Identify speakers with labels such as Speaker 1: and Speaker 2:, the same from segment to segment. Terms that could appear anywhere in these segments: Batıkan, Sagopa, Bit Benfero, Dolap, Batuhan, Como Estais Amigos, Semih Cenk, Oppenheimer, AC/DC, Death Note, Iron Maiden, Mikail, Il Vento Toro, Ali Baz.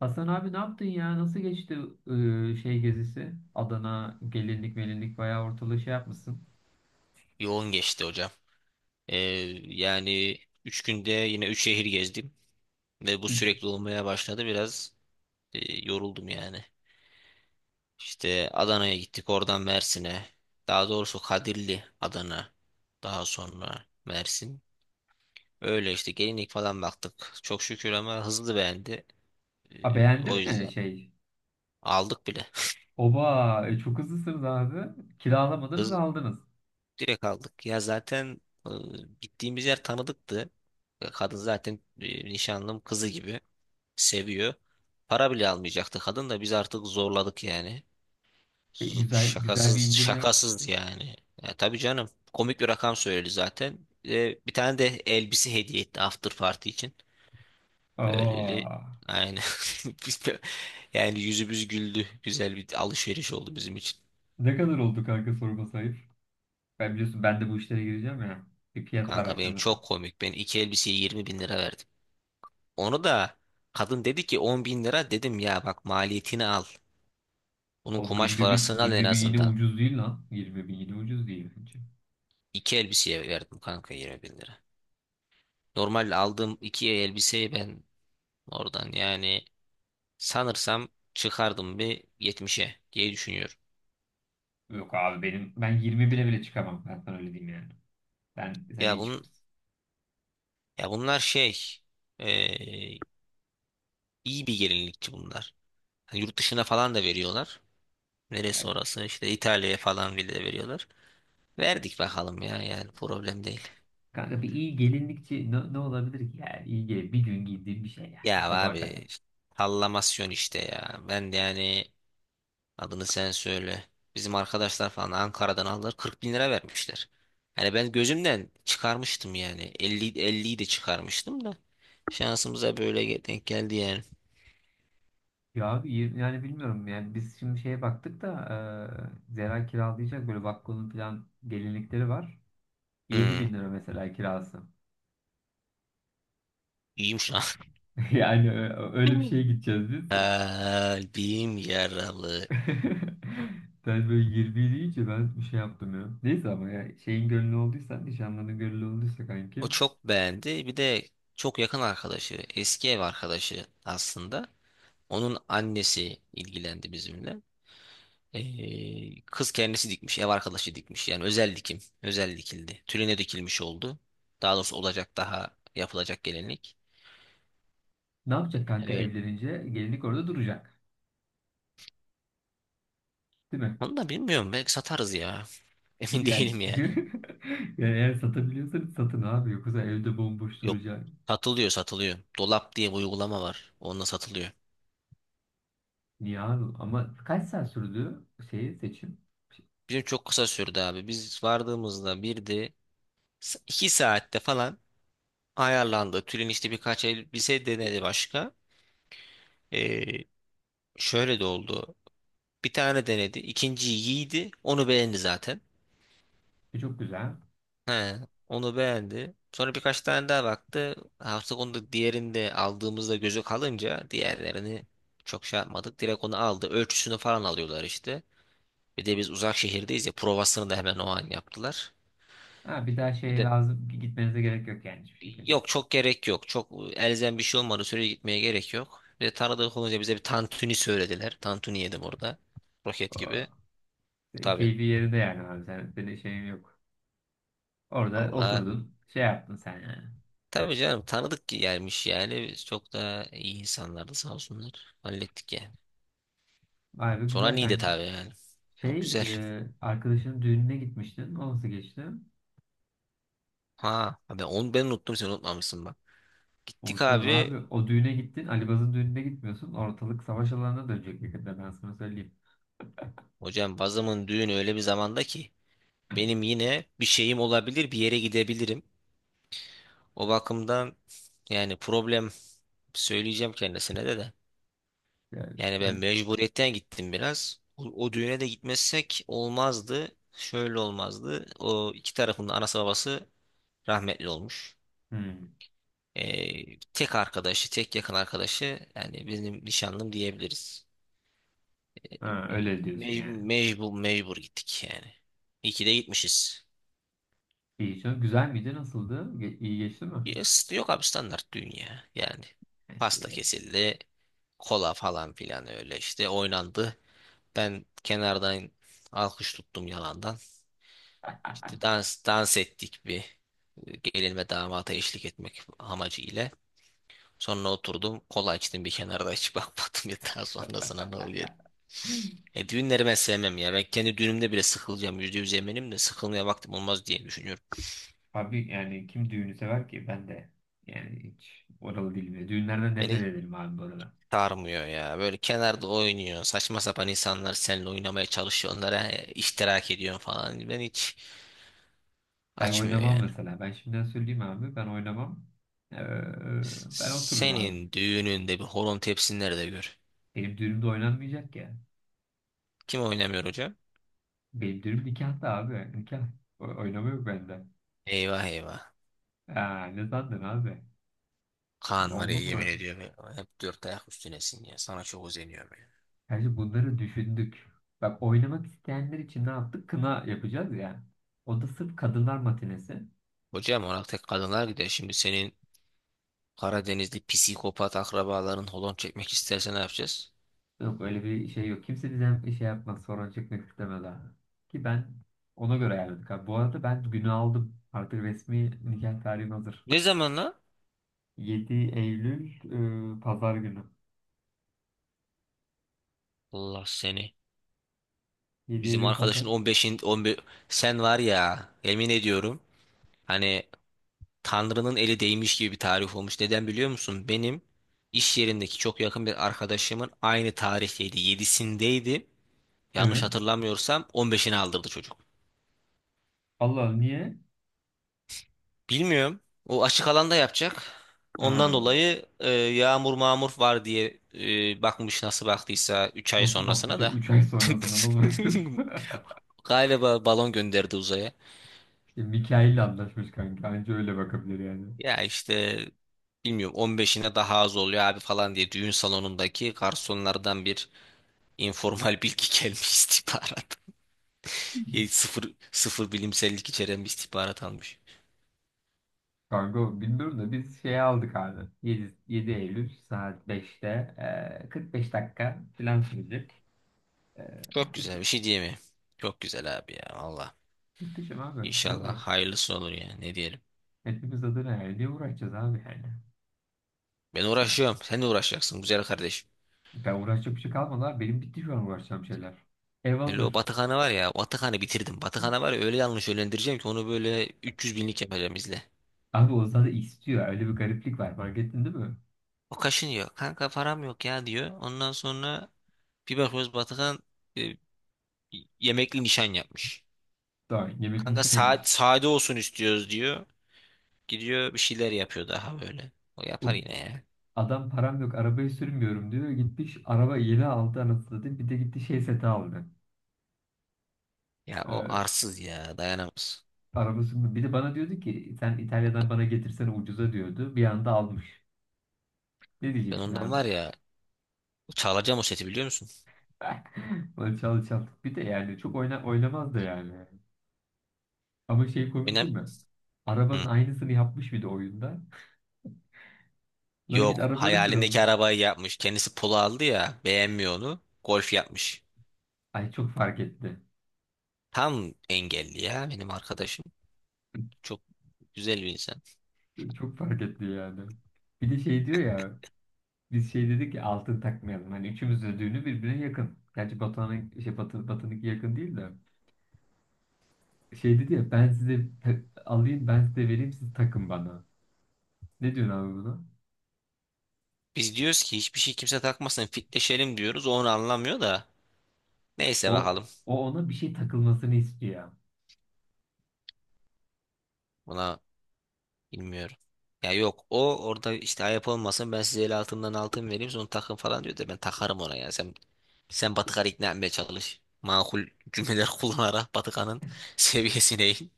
Speaker 1: Hasan abi ne yaptın ya? Nasıl geçti şey gezisi? Adana gelinlik melinlik bayağı ortalığı şey yapmışsın.
Speaker 2: Yoğun geçti hocam. Ee, yani 3 günde yine 3 şehir gezdim ve bu
Speaker 1: Hı.
Speaker 2: sürekli olmaya başladı. Biraz e, yoruldum yani. İşte Adana'ya gittik, oradan Mersin'e. Daha doğrusu Kadirli, Adana. Daha sonra Mersin. Öyle işte gelinlik falan baktık. Çok şükür ama hızlı beğendi.
Speaker 1: A,
Speaker 2: Ee,
Speaker 1: beğendi
Speaker 2: o
Speaker 1: mi
Speaker 2: yüzden
Speaker 1: şey?
Speaker 2: aldık bile.
Speaker 1: Oba çok hızlısınız abi. Kiralamadınız
Speaker 2: Hız
Speaker 1: aldınız.
Speaker 2: direkt aldık. Ya zaten gittiğimiz yer tanıdıktı. Kadın zaten nişanlım kızı gibi seviyor. Para bile almayacaktı kadın da biz artık zorladık yani.
Speaker 1: E, güzel güzel bir
Speaker 2: Şakasız
Speaker 1: indirim yap.
Speaker 2: şakasız yani. Ya tabii canım komik bir rakam söyledi zaten. Bir de bir tane de elbise hediye etti after party için. Öyleli
Speaker 1: Aa,
Speaker 2: aynen. Biz de- Yani yüzümüz güldü. Güzel bir alışveriş oldu bizim için.
Speaker 1: ne kadar oldu kanka sorma sayıp? Ben biliyorsun ben de bu işlere gireceğim ya. Bir fiyat
Speaker 2: Kanka benim
Speaker 1: araştırması.
Speaker 2: çok komik. Ben iki elbiseye 20 bin lira verdim. Onu da kadın dedi ki 10 bin lira, dedim ya bak maliyetini al. Bunun
Speaker 1: Oğlum
Speaker 2: kumaş
Speaker 1: 20 bin,
Speaker 2: parasını al en
Speaker 1: 20 bin yine
Speaker 2: azından.
Speaker 1: ucuz değil lan. 20 bin yine ucuz değil bence.
Speaker 2: İki elbiseye verdim kanka 20 bin lira. Normal aldığım iki elbiseyi ben oradan yani sanırsam çıkardım bir yetmişe diye düşünüyorum.
Speaker 1: Yok abi benim ben 20 bile bile çıkamam. Ben sana öyle diyeyim yani. Ben sen
Speaker 2: Ya
Speaker 1: iyi
Speaker 2: bunun
Speaker 1: çıkmışsın.
Speaker 2: ya bunlar şey eee, iyi bir gelinlikçi bunlar. Hani yurt dışına falan da veriyorlar. Neresi orası işte İtalya'ya falan bile de veriyorlar. Verdik bakalım ya, yani problem değil.
Speaker 1: Kanka bir iyi gelinlikçi ne, ne olabilir ki yani iyi gel bir gün giydiğim bir şey yani
Speaker 2: Ya
Speaker 1: sabaha kadar.
Speaker 2: abi, sallamasyon işte ya. Ben de yani. Adını sen söyle. Bizim arkadaşlar falan Ankara'dan aldılar, 40 bin lira vermişler. Hani ben gözümden çıkarmıştım yani. Elli, elliyi de çıkarmıştım da. Şansımıza böyle denk geldi yani.
Speaker 1: Ya abi yani bilmiyorum yani biz şimdi şeye baktık da Zera kiralayacak böyle Vakko'nun falan gelinlikleri var. 7.000
Speaker 2: Hı.
Speaker 1: bin lira mesela kirası.
Speaker 2: İyiyim şu an.
Speaker 1: Yani öyle bir şeye gideceğiz biz.
Speaker 2: Kalbim yaralı.
Speaker 1: Sen böyle 20 deyince ben bir şey yaptım ya. Neyse ama ya şeyin gönlü olduysa nişanlının gönlü olduysa
Speaker 2: O
Speaker 1: kanki
Speaker 2: çok beğendi. Bir de çok yakın arkadaşı, eski ev arkadaşı aslında. Onun annesi ilgilendi bizimle. Kız kendisi dikmiş, ev arkadaşı dikmiş. Yani özel dikim, özel dikildi. Tüline dikilmiş oldu. Daha doğrusu olacak, daha yapılacak gelinlik.
Speaker 1: ne yapacak kanka
Speaker 2: Yani öyle.
Speaker 1: evlenince gelinlik orada duracak. Değil mi?
Speaker 2: Onu da bilmiyorum. Belki satarız ya. Emin
Speaker 1: Yani,
Speaker 2: değilim yani.
Speaker 1: yani eğer satabiliyorsanız satın abi. Yoksa evde bomboş
Speaker 2: Yok,
Speaker 1: duracak.
Speaker 2: satılıyor, satılıyor. Dolap diye bir uygulama var. Onunla satılıyor.
Speaker 1: Niye abi? Ama kaç saat sürdü şeyi seçim?
Speaker 2: Bizim çok kısa sürdü abi. Biz vardığımızda bir de 2 saatte falan ayarlandı. Tülin işte birkaç elbise denedi başka. Ee, şöyle de oldu. Bir tane denedi, ikinciyi giydi. Onu beğendi zaten.
Speaker 1: E, çok güzel.
Speaker 2: He, onu beğendi. Sonra birkaç tane daha baktı. Hafta onu diğerinde aldığımızda, gözü kalınca diğerlerini çok şey yapmadık. Direkt onu aldı. Ölçüsünü falan alıyorlar işte. Bir de biz uzak şehirdeyiz ya, provasını da hemen o an yaptılar.
Speaker 1: Ha, bir daha
Speaker 2: Bir
Speaker 1: şey
Speaker 2: de
Speaker 1: lazım. Gitmenize gerek yok yani hiçbir şekilde.
Speaker 2: yok, çok gerek yok. Çok elzem bir şey olmadı. Sürece gitmeye gerek yok. Bir de tanıdık olunca bize bir tantuni söylediler. Tantuni yedim orada. Roket gibi.
Speaker 1: Oo. Senin
Speaker 2: Tabii.
Speaker 1: keyfi yerinde yani abi. Senin şeyin yok. Orada
Speaker 2: Valla
Speaker 1: oturdun. Şey yaptın sen yani.
Speaker 2: tabii canım, tanıdık gelmiş yani. Biz çok da iyi insanlardı sağ olsunlar. Hallettik ya.
Speaker 1: Vay be
Speaker 2: Sonra
Speaker 1: güzel
Speaker 2: Niğde
Speaker 1: kanki.
Speaker 2: abi yani. Ama
Speaker 1: Şey
Speaker 2: güzel.
Speaker 1: arkadaşının düğününe gitmiştin. O nasıl geçti?
Speaker 2: Ha, ben onu, ben unuttum, sen unutmamışsın bak. Gittik
Speaker 1: Unutmadım
Speaker 2: abi.
Speaker 1: abi. O düğüne gittin. Ali Baz'ın düğününe gitmiyorsun. Ortalık savaş alanına dönecek yakında ben sana söyleyeyim.
Speaker 2: Hocam bazımın düğünü öyle bir zamanda ki benim yine bir şeyim olabilir, bir yere gidebilirim. O bakımdan yani problem, söyleyeceğim kendisine de.
Speaker 1: Yani,
Speaker 2: Yani ben
Speaker 1: öyle,
Speaker 2: mecburiyetten gittim biraz. O düğüne de gitmezsek olmazdı. Şöyle olmazdı. O iki tarafın da anası babası rahmetli olmuş.
Speaker 1: Hmm.
Speaker 2: Tek arkadaşı, tek yakın arkadaşı yani benim nişanlım diyebiliriz.
Speaker 1: Ha,
Speaker 2: Ee,
Speaker 1: öyle diyorsun
Speaker 2: Mey
Speaker 1: yani.
Speaker 2: mecbur mecbur gittik yani. İyi ki de gitmişiz.
Speaker 1: İyi çok güzel miydi? Nasıldı? İyi geçti mi?
Speaker 2: Yes, yok abi, standart dünya yani.
Speaker 1: İşte.
Speaker 2: Pasta kesildi. Kola falan filan, öyle işte oynandı. Ben kenardan alkış tuttum yalandan. İşte dans ettik bir gelinime damata eşlik etmek amacı ile. Sonra oturdum, kola içtim bir kenarda, hiç bakmadım ya daha sonrasına ne oluyor. Düğünleri ben sevmem ya. Ben kendi düğünümde bile sıkılacağım. %100 eminim de, sıkılmaya vaktim olmaz diye düşünüyorum.
Speaker 1: Abi yani kim düğünü sever ki? Ben de yani hiç oralı değilim ya. Düğünlerden nefret
Speaker 2: Beni
Speaker 1: ederim abi bu arada.
Speaker 2: sarmıyor ya. Böyle kenarda oynuyor. Saçma sapan insanlar seninle oynamaya çalışıyor. Onlara iştirak ediyorsun falan. Ben hiç
Speaker 1: Ben
Speaker 2: açmıyor
Speaker 1: oynamam
Speaker 2: yani.
Speaker 1: mesela. Ben şimdiden söyleyeyim abi. Ben oynamam. Ee, ben otururum abi.
Speaker 2: Senin düğününde bir horon tepsin nerede gör.
Speaker 1: Benim düğünümde oynanmayacak ya.
Speaker 2: Kim oynamıyor hocam?
Speaker 1: Benim düğünüm nikahta abi. Nikah. Oynama yok bende.
Speaker 2: Eyvah eyvah.
Speaker 1: Aa, ne sandın abi?
Speaker 2: Kaan var ya,
Speaker 1: Oldu
Speaker 2: yemin
Speaker 1: bura.
Speaker 2: ediyorum. Hep dört ayak üstünesin ya. Sana çok özeniyorum ya.
Speaker 1: Gerçi bunları düşündük. Bak oynamak isteyenler için ne yaptık? Kına yapacağız ya. O da sırf kadınlar matinesi.
Speaker 2: Hocam ona tek kadınlar gider. Şimdi senin Karadenizli psikopat akrabaların holon çekmek isterse ne yapacağız?
Speaker 1: Yok öyle bir şey yok. Kimse bizden bir şey yapmaz. Sorun çekmek istemez abi. Ki ben ona göre ayarladık abi. Bu arada ben günü aldım. Artık resmi nikah tarihim hazır.
Speaker 2: Ne zaman lan?
Speaker 1: 7 Eylül pazar günü.
Speaker 2: Allah seni.
Speaker 1: 7
Speaker 2: Bizim
Speaker 1: Eylül pazar.
Speaker 2: arkadaşın on beşin on 15, sen var ya yemin ediyorum. Hani Tanrı'nın eli değmiş gibi bir tarih olmuş. Neden biliyor musun? Benim iş yerindeki çok yakın bir arkadaşımın aynı tarihteydi, yedisindeydi. Yanlış
Speaker 1: Evet.
Speaker 2: hatırlamıyorsam 15'ini aldırdı çocuk.
Speaker 1: Allah Allah, niye?
Speaker 2: Bilmiyorum. O açık alanda yapacak. Ondan
Speaker 1: Ha.
Speaker 2: dolayı yağmur mağmur var diye bakmış, nasıl baktıysa 3 ay
Speaker 1: Nasıl baktı?
Speaker 2: sonrasına da.
Speaker 1: 3 ay sonrasına nasıl bakıyor?
Speaker 2: Galiba balon gönderdi uzaya.
Speaker 1: İşte Mikail'le anlaşmış kanka. Anca öyle bakabilir yani.
Speaker 2: Ya işte bilmiyorum, 15'ine daha az oluyor abi falan diye düğün salonundaki garsonlardan bir informal bilgi gelmiş istihbarat. Sıfır, sıfır bilimsellik içeren bir istihbarat almış.
Speaker 1: Kargo bilmiyorum da biz şey aldık abi. 7, 7 Eylül saat 5'te 45 dakika falan sürecek. E,
Speaker 2: Çok
Speaker 1: iş,
Speaker 2: güzel bir şey diyemiyorum. Çok güzel abi ya valla.
Speaker 1: muhteşem abi. Ne
Speaker 2: İnşallah
Speaker 1: bu?
Speaker 2: hayırlısı olur ya, ne diyelim.
Speaker 1: Hepimiz adına yani. Ne uğraşacağız abi yani?
Speaker 2: Ben
Speaker 1: Hiç.
Speaker 2: uğraşıyorum. Sen de uğraşacaksın güzel kardeşim.
Speaker 1: Ben uğraşacak bir şey kalmadı abi. Benim bitti şu an uğraşacağım şeyler. Ev
Speaker 2: Hele o
Speaker 1: hazır.
Speaker 2: Batıkan'ı var ya, Batıkan'ı bitirdim. Batıkan'ı var ya, öyle yanlış yönlendireceğim ki onu, böyle 300 binlik yapacağım, izle.
Speaker 1: Abi o zaten istiyor. Öyle bir gariplik var. Fark ettin değil mi?
Speaker 2: O kaşınıyor. Kanka param yok ya diyor. Ondan sonra bir bakıyoruz Batıkan e, yemekli nişan yapmış.
Speaker 1: Daha yemekini
Speaker 2: Kanka
Speaker 1: şey
Speaker 2: saat
Speaker 1: yapmış.
Speaker 2: sade olsun istiyoruz diyor. Gidiyor bir şeyler yapıyor daha böyle. O yapar
Speaker 1: Oğlum,
Speaker 2: yine ya.
Speaker 1: adam param yok arabayı sürmüyorum diyor. Gitmiş araba yeni aldı anasını satayım. Bir de gitti şey seti aldı.
Speaker 2: Ya o arsız ya, dayanamaz.
Speaker 1: Arabası bir de bana diyordu ki sen İtalya'dan bana getirsene ucuza diyordu. Bir anda almış. Ne
Speaker 2: Ben
Speaker 1: diyeceksin
Speaker 2: ondan
Speaker 1: abi?
Speaker 2: var ya, çalacağım o seti, biliyor musun?
Speaker 1: Böyle çalı çal. Bir de yani çok oynamaz da yani. Ama şey komik
Speaker 2: Önem.
Speaker 1: değil mi? Arabanın
Speaker 2: Hı.
Speaker 1: aynısını yapmış bir de oyunda. Lan git
Speaker 2: Yok,
Speaker 1: arabanı sür ama.
Speaker 2: hayalindeki arabayı yapmış. Kendisi polo aldı ya, beğenmiyor onu. Golf yapmış.
Speaker 1: Ay çok fark etti.
Speaker 2: Tam engelli ya benim arkadaşım. Çok güzel bir insan.
Speaker 1: Çok fark etti yani. Bir de şey diyor ya. Biz şey dedik ki altın takmayalım. Hani üçümüz de düğünü birbirine yakın. Gerçi Batuhan'ın şey Batı'nınki yakın değil de. Şey dedi ya ben size alayım ben size vereyim siz takın bana. Ne diyorsun abi buna?
Speaker 2: Biz diyoruz ki hiçbir şey, kimse takmasın, fitleşelim diyoruz. O onu anlamıyor da. Neyse
Speaker 1: O,
Speaker 2: bakalım.
Speaker 1: o ona bir şey takılmasını istiyor.
Speaker 2: Buna bilmiyorum. Ya yok, o orada işte ayıp olmasın, ben size el altından altın vereyim sonra takın falan diyor da, ben takarım ona ya. Sen Batıkan'ı ikna etmeye çalış. Makul cümleler kullanarak Batıkan'ın seviyesine in.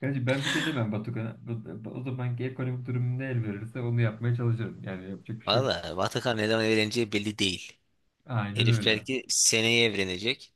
Speaker 1: Gerçi ben bir şey demem Batukan'a. O zamanki ekonomik durum ne el verirse onu yapmaya çalışırım. Yani yapacak bir şey yok.
Speaker 2: Valla Batıkan neden eğleneceği belli değil.
Speaker 1: Aynen
Speaker 2: Herif
Speaker 1: öyle.
Speaker 2: belki seneye evlenecek.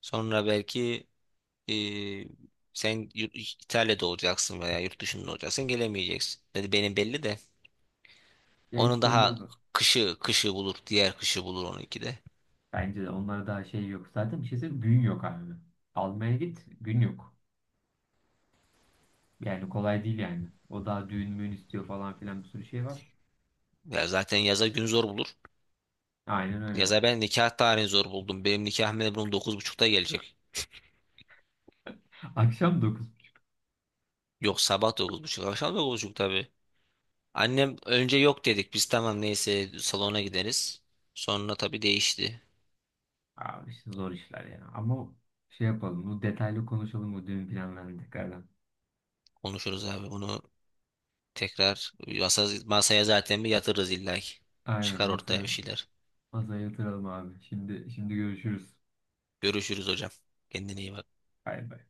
Speaker 2: Sonra belki e, sen yurt- İtalya'da olacaksın veya yurt dışında olacaksın, gelemeyeceksin. Dedi benim belli de.
Speaker 1: Ya
Speaker 2: Onun
Speaker 1: hiç belli
Speaker 2: daha
Speaker 1: olmaz.
Speaker 2: kışı bulur. Diğer kışı bulur onunki de.
Speaker 1: Bence de onlara daha şey yok. Zaten bir şey söyleyeyim gün yok abi. Almaya git gün yok. Yani kolay değil yani. O daha düğün müğün istiyor falan filan bir sürü şey var.
Speaker 2: Ya zaten yaza gün zor bulur.
Speaker 1: Aynen öyle.
Speaker 2: Yaza ben nikah tarihini zor buldum. Benim nikah memnurum 9.30'da gelecek.
Speaker 1: Akşam 9.
Speaker 2: Yok, sabah 9.30, akşam 9.30 tabii. Annem önce yok dedik, biz tamam neyse salona gideriz. Sonra tabii değişti.
Speaker 1: Abi işte zor işler ya. Ama şey yapalım. Bu detaylı konuşalım bu düğün planlarını tekrardan.
Speaker 2: Konuşuruz abi bunu. Tekrar masaya zaten bir yatırırız illa ki.
Speaker 1: Aynen
Speaker 2: Çıkar ortaya
Speaker 1: masaya.
Speaker 2: bir şeyler.
Speaker 1: Masaya yatıralım abi. Şimdi görüşürüz.
Speaker 2: Görüşürüz hocam. Kendine iyi bak.
Speaker 1: Bay bay.